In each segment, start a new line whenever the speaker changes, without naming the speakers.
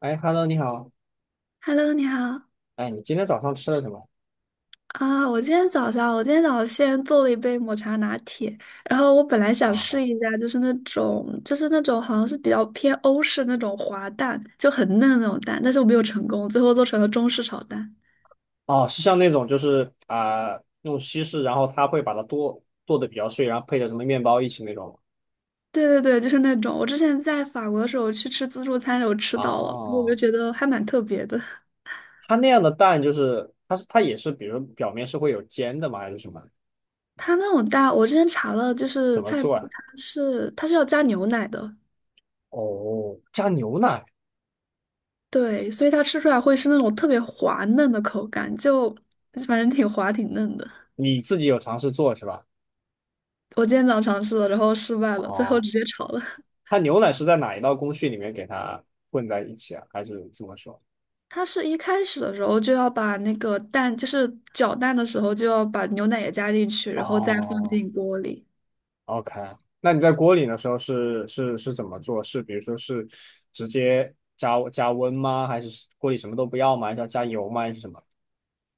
哎，Hello，你好。
Hello，你好。
哎，你今天早上吃了什么？
啊！我今天早上，我今天早上先做了一杯抹茶拿铁，然后我本来想
啊，
试一下，就是那种，就是那种好像是比较偏欧式那种滑蛋，就很嫩的那种蛋，但是我没有成功，最后做成了中式炒蛋。
哦，是像那种就是啊、用稀释，然后它会把它剁剁的比较碎，然后配着什么面包一起那种吗？
对对对，就是那种。我之前在法国的时候去吃自助餐，有吃到了，然后我就
哦，
觉得还蛮特别的。
它那样的蛋就是它是它也是，比如表面是会有煎的吗？还是什么？
它那种蛋，我之前查了，就
怎
是
么
菜谱，
做啊？
它是要加牛奶的。
哦，加牛奶，
对，所以它吃出来会是那种特别滑嫩的口感，就反正挺滑挺嫩的。
你自己有尝试做是吧？
我今天早上尝试了，然后失败了，最后
哦，
直接炒了。
它牛奶是在哪一道工序里面给它混在一起啊？还是怎么说？
它是一开始的时候就要把那个蛋，就是搅蛋的时候就要把牛奶也加进去，然后再放
哦。
进锅里。
OK，那你在锅里的时候是怎么做？是比如说是直接加温吗？还是锅里什么都不要吗？还是要加油吗？还是什么？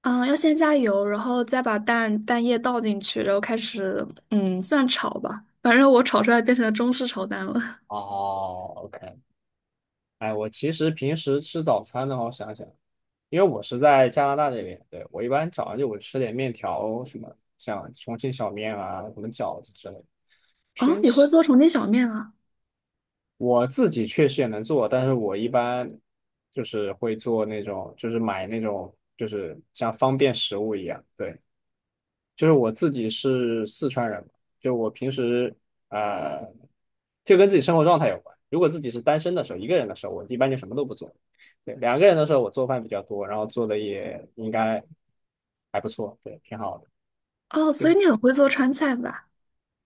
嗯，要先加油，然后再把蛋蛋液倒进去，然后开始算炒吧。反正我炒出来变成了中式炒蛋了。
哦，OK，哎，我其实平时吃早餐的话，我想想，因为我是在加拿大这边，对，我一般早上就我吃点面条什么，像重庆小面啊，什么饺子之类的，
哦，
偏
你会
西。
做重庆小面啊？
我自己确实也能做，但是我一般就是会做那种，就是买那种，就是像方便食物一样，对。就是我自己是四川人嘛，就我平时呃，就跟自己生活状态有关。如果自己是单身的时候，一个人的时候，我一般就什么都不做。对，两个人的时候，我做饭比较多，然后做的也应该还不错，对，挺好的。
哦，
就
所以你很会做川菜吧？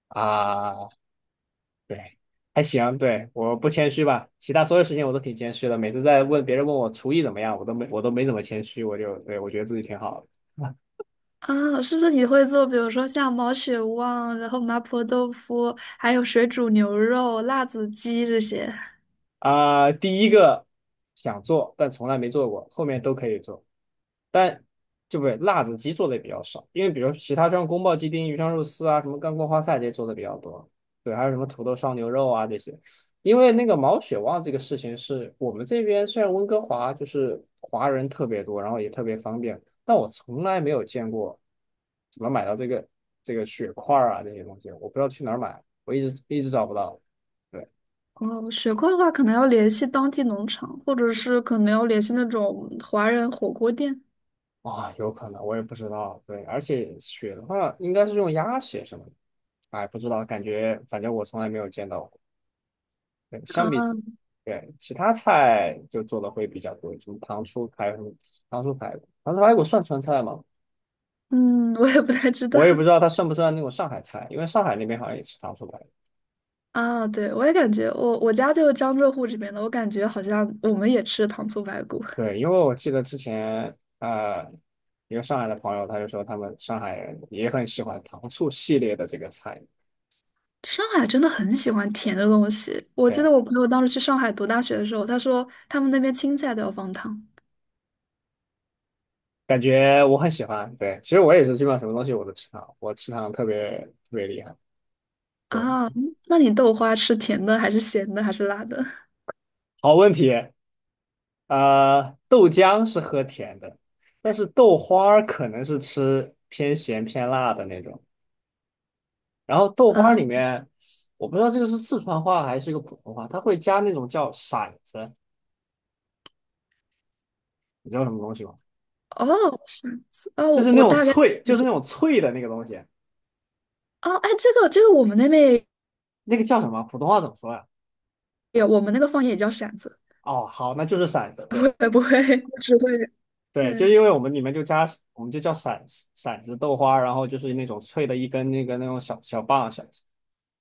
啊，对，还行，对，我不谦虚吧，其他所有事情我都挺谦虚的。每次在问别人问我厨艺怎么样，我都没怎么谦虚，我就对我觉得自己挺好的。
啊，是不是你会做，比如说像毛血旺，然后麻婆豆腐，还有水煮牛肉、辣子鸡这些？
啊、第一个想做但从来没做过，后面都可以做，但就不对，辣子鸡做的也比较少，因为比如其他像宫保鸡丁、鱼香肉丝啊，什么干锅花菜这些做的比较多，对，还有什么土豆烧牛肉啊这些。因为那个毛血旺这个事情是我们这边虽然温哥华就是华人特别多，然后也特别方便，但我从来没有见过怎么买到这个血块儿啊这些东西，我不知道去哪儿买，我一直一直找不到。对。
哦，雪块的话，可能要联系当地农场，或者是可能要联系那种华人火锅店。
啊，有可能，我也不知道。对，而且血的话，应该是用鸭血什么的。哎，不知道，感觉反正我从来没有见到过。对，相
啊
比起对其他菜就做的会比较多，什么糖醋排骨算川菜吗？
嗯，我也不太知道
我也不知道 它算不算那种上海菜，因为上海那边好像也吃糖醋排骨。
啊，对，我也感觉我家就是江浙沪这边的，我感觉好像我们也吃糖醋排骨。
对，因为我记得之前一个上海的朋友他就说他们上海人也很喜欢糖醋系列的这个菜。
上海真的很喜欢甜的东西。我记
对。
得我朋友当时去上海读大学的时候，他说他们那边青菜都要放糖。
感觉我很喜欢。对，其实我也是，基本上什么东西我都吃糖，我吃糖特别特别厉害。对，
啊，那你豆花吃甜的还是咸的还是辣的？
好问题。呃，豆浆是喝甜的，但是豆花儿可能是吃偏咸偏辣的那种。然后豆花儿
啊，
里面，我不知道这个是四川话还是一个普通话，它会加那种叫馓子，你知道什么东西吗？
哦，是子，哦，
就
我
是那
我
种
大概
脆，就是那种脆的那个东西，
哦，哎，这个我们那边也
那个叫什么？普通话怎么说呀？
有，我们那个方言也叫馓子。
哦，好，那就是馓子。
我
对。
也不会，我只会
对，就
对
因为我们里面就加，我们就叫骰子骰子豆花，然后就是那种脆的一根那个那种小小棒小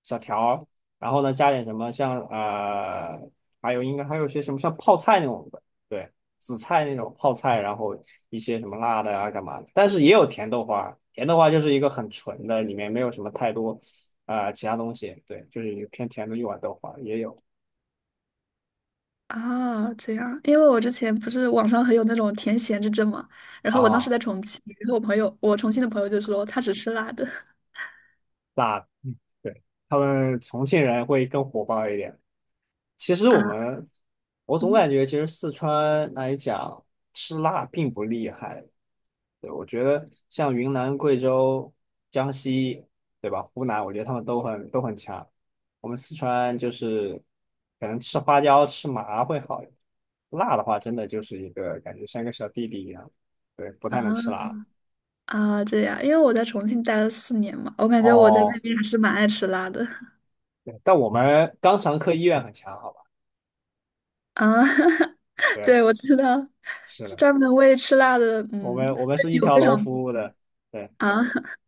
小条儿然后呢加点什么像呃，还有应该还有些什么像泡菜那种的，对，紫菜那种泡菜，然后一些什么辣的啊干嘛的，但是也有甜豆花，甜豆花就是一个很纯的，里面没有什么太多呃其他东西，对，就是一个偏甜的一碗豆花也有
啊，这样，因为我之前不是网上很有那种甜咸之争嘛，然后我当时
啊，
在重庆，然后我朋友，我重庆的朋友就说他只吃辣的
辣的，嗯对，他们重庆人会更火爆一点。其实
啊，
我们，我总
嗯
感觉其实四川来讲吃辣并不厉害。对，我觉得像云南、贵州、江西，对吧？湖南，我觉得他们都很都很强。我们四川就是可能吃花椒、吃麻会好一点，辣的话真的就是一个感觉像一个小弟弟一样，对，不
啊
太能吃辣。
啊，这样，因为我在重庆待了四年嘛，我感觉我在
哦，
那边还是蛮爱吃辣的。
对，但我们肛肠科医院很强，好吧？
啊，
对，
对，我知道，
是的，
专门为吃辣的，
我
嗯，
们我们是一
有
条
非
龙
常多
服务的，对，
啊。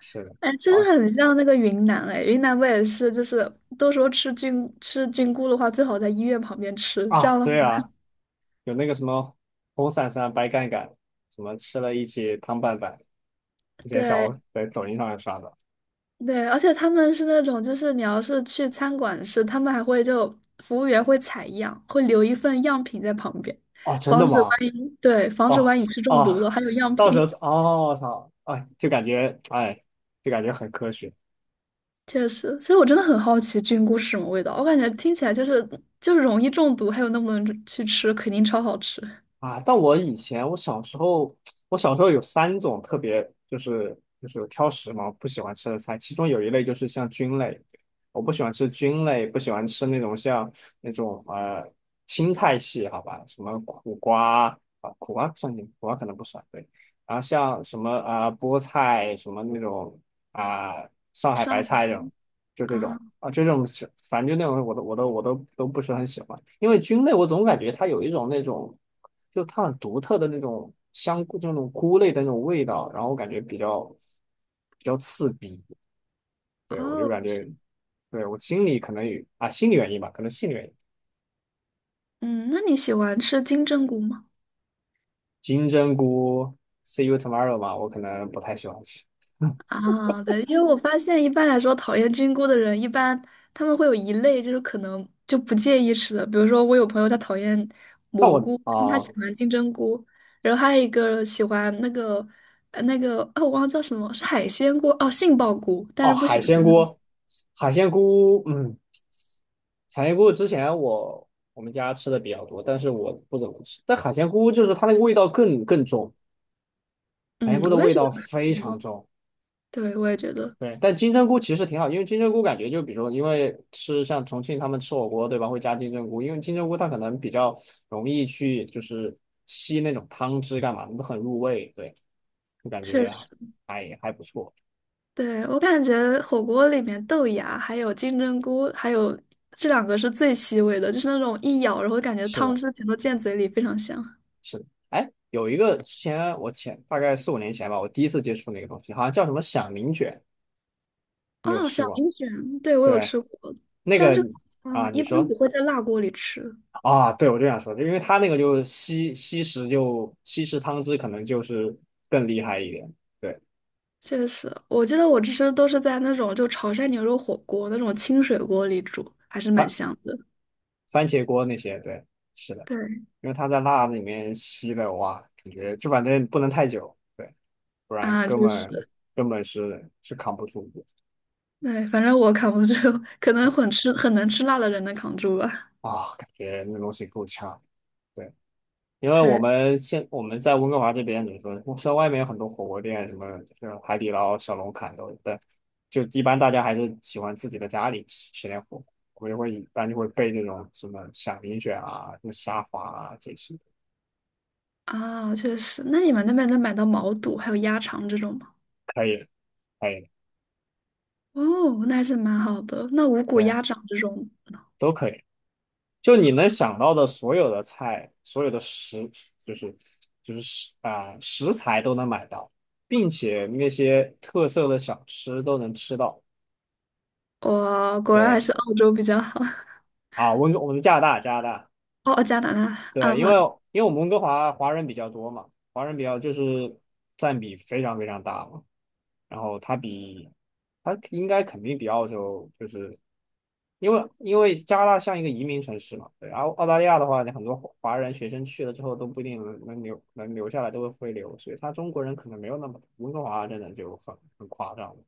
是的。
哎，真
啊。
的很像那个云南，哎，云南不也是，就是都说吃菌吃菌菇的话，最好在医院旁边吃，这
啊，
样的话，
对啊，有那个什么红伞伞、白杆杆，什么吃了一起汤拌饭，之前小
对。
红在抖音上面刷的。
对，而且他们是那种，就是你要是去餐馆吃，他们还会就服务员会采样，会留一份样品在旁边，
哦，真的
防止
吗？
万一，对，防止
哦
万一吃中毒
哦，
了，还有样
到时候
品。
哦，操，哎，就感觉哎，就感觉很科学。
确实，所以我真的很好奇菌菇是什么味道，我感觉听起来就是就是容易中毒，还有那么多人去吃，肯定超好吃。
啊，但我以前我小时候，我小时候有三种特别就是就是挑食嘛，不喜欢吃的菜，其中有一类就是像菌类，我不喜欢吃菌类，不喜欢吃那种像那种呃青菜系，好吧，什么苦瓜啊，苦瓜不算进，苦瓜可能不算，对，然后像什么啊、菠菜什么那种啊、上海
上
白
海
菜这种。
青
就这种
啊，
啊，就这种是，反正就那种我都不是很喜欢，因为菌类我总感觉它有一种那种，就它很独特的那种香菇，那种菇类的那种味道，然后我感觉比较比较刺鼻，对我就
哦，
感觉，对我心里可能有啊心理原因吧，可能心理原因，
嗯，那你喜欢吃金针菇吗？
金针菇 see you tomorrow 嘛，我可能不太喜欢吃，
啊，对，因为我发现一般来说讨厌菌菇的人，一般他们会有一类就是可能就不介意吃的，比如说我有朋友他讨厌
那
蘑
我
菇，但他喜
啊
欢金针菇，然后还有一个喜欢那个那个哦，我忘了叫什么，是海鲜菇哦，杏鲍菇，但
哦
是不喜
海
欢
鲜
金针菇。
菇，海鲜菇，嗯。产鲜菇之前我我们家吃的比较多，但是我不怎么吃。但海鲜菇就是它那个味道更重，海鲜
嗯，
菇的
我也
味
觉
道
得很
非
幸运。
常重。
对，我也觉得
对，但金针菇其实挺好，因为金针菇感觉就比如说，因为吃像重庆他们吃火锅对吧，会加金针菇，因为金针菇它可能比较容易去就是吸那种汤汁干嘛都很入味。对，就感
确
觉
实。
还还不错。
对，我感觉火锅里面豆芽还有金针菇，还有这两个是最吸味的，就是那种一咬，然后感觉
是
汤
的，
汁全都溅嘴里，非常香。
是的。哎，有一个之前我前大概四五年前吧，我第一次接触那个东西，好像叫什么响铃卷，你有
哦，小
吃过吗？
铃卷，对，我有
对，
吃过，
那
但
个
这个
啊，你
一般
说
不会在辣锅里吃。
啊，对，我就想说，就因为他那个就吸吸食，就吸食汤汁，可能就是更厉害一点。对，
确实，我记得我吃都是在那种就潮汕牛肉火锅那种清水锅里煮，还是蛮
番
香的。
番茄锅那些，对，是的，
对
因为他在辣里面吸了，哇，感觉就反正不能太久，对，不然
啊，
根
就
本
是。
根本是是扛不住的
对，反正我扛不住，可能很吃很能吃辣的人能扛住吧。
啊，感觉那东西够呛。对。因为
对
我们在温哥华这边怎么说，像外面有很多火锅店，什么就是海底捞、小龙坎都有，但就一般大家还是喜欢自己的家里吃吃点火锅。我就会一般就会备这种什么响铃卷啊、什么虾滑啊这些，
啊，确实。那你们那边能买到毛肚还有鸭肠这种吗？
可以的可以的
哦，那还是蛮好的。那五谷
对，
鸭掌这种，
都可以。就你能想到的所有的菜，所有的食，就是就是食材都能买到，并且那些特色的小吃都能吃到。
哇，果然还
对
是澳洲比较好。
啊，我们在加拿大，加拿大。
哦，加拿大啊
对，因
不，
为因为我们温哥华华人比较多嘛，华人比较就是占比非常非常大嘛，然后它比它应该肯定比澳洲就是因为因为加拿大像一个移民城市嘛，对，然后澳大利亚的话，很多华人学生去了之后都不一定能留下来，都会回流，所以他中国人可能没有那么多，温哥华真的就很夸张了，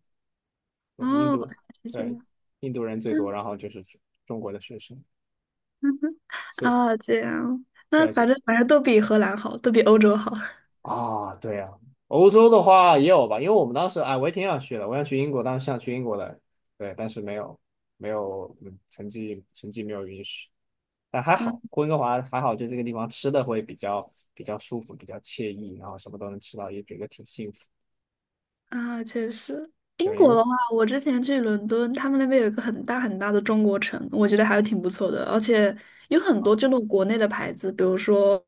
对，印
哦，
度
是这
对
样。
印度人最多，
嗯
然后就是中国的学生，
嗯嗯
所以
啊，这样。那
对，所
反
以
正反正都比荷兰好，都比欧洲好。
啊，对呀、欧洲的话也有吧，因为我们当时哎，我也挺想去的，我想去英国，当时想去英国的，对，但是没有，没有，嗯成绩成绩没有允许，但还
啊
好，温哥华还好，就这个地方吃的会比较比较舒服，比较惬意，然后什么都能吃到，也觉得挺幸福，
啊，确实，英
对，因
国
为
的话，我之前去伦敦，他们那边有一个很大很大的中国城，我觉得还是挺不错的，而且有很
啊，
多就那种国内的牌子，比如说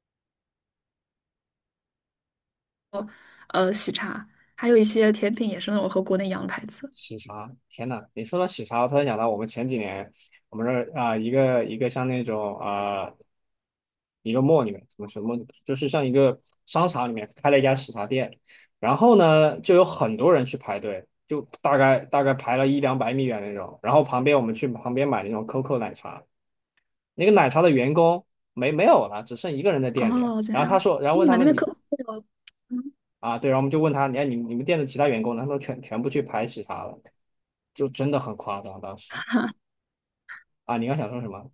喜茶，还有一些甜品也是那种和国内一样的牌子。
喜茶，天呐，你说到喜茶，我突然想到我们前几年，我们这儿啊、一个一个像那种啊。一个 mall 里面，怎么什么，就是像一个商场里面开了一家喜茶店，然后呢，就有很多人去排队，就大概大概排了一两百米远那种。然后旁边我们去旁边买那种 COCO 奶茶，那个奶茶的员工没有了，只剩一个人在店里。
哦，这
然后他
样，
说，然后
诶
问
你
他
们那
们
边可
你
口会有？嗯，
啊，对，然后我们就问他，你看你你们店的其他员工呢？他们全部去排喜茶了，就真的很夸张当时啊。你刚想说什么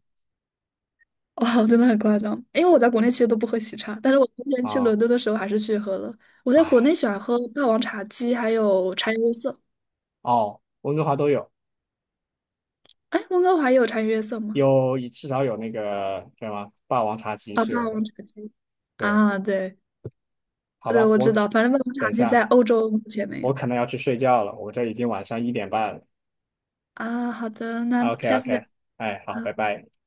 哦真的很夸张，因为我在国内其实都不喝喜茶，但是我之前去
啊？
伦敦的时候还是去喝了。我在国内
哎，
喜欢喝霸王茶姬，还有茶颜悦色。
哦，温哥华都有。
哎，温哥华也有茶颜悦色吗？
有至少有那个叫什么霸王茶姬
啊，霸
是有的。
王茶姬。
对，
啊，对，
好
对，
吧，
我知
我
道，反正办公
等
场
一
地
下，
在欧洲目前没有
我可能要去睡觉了，我这已经晚上一点半了。
啊。好的，那
OK
下次再。
OK，哎，好，
好。
拜拜。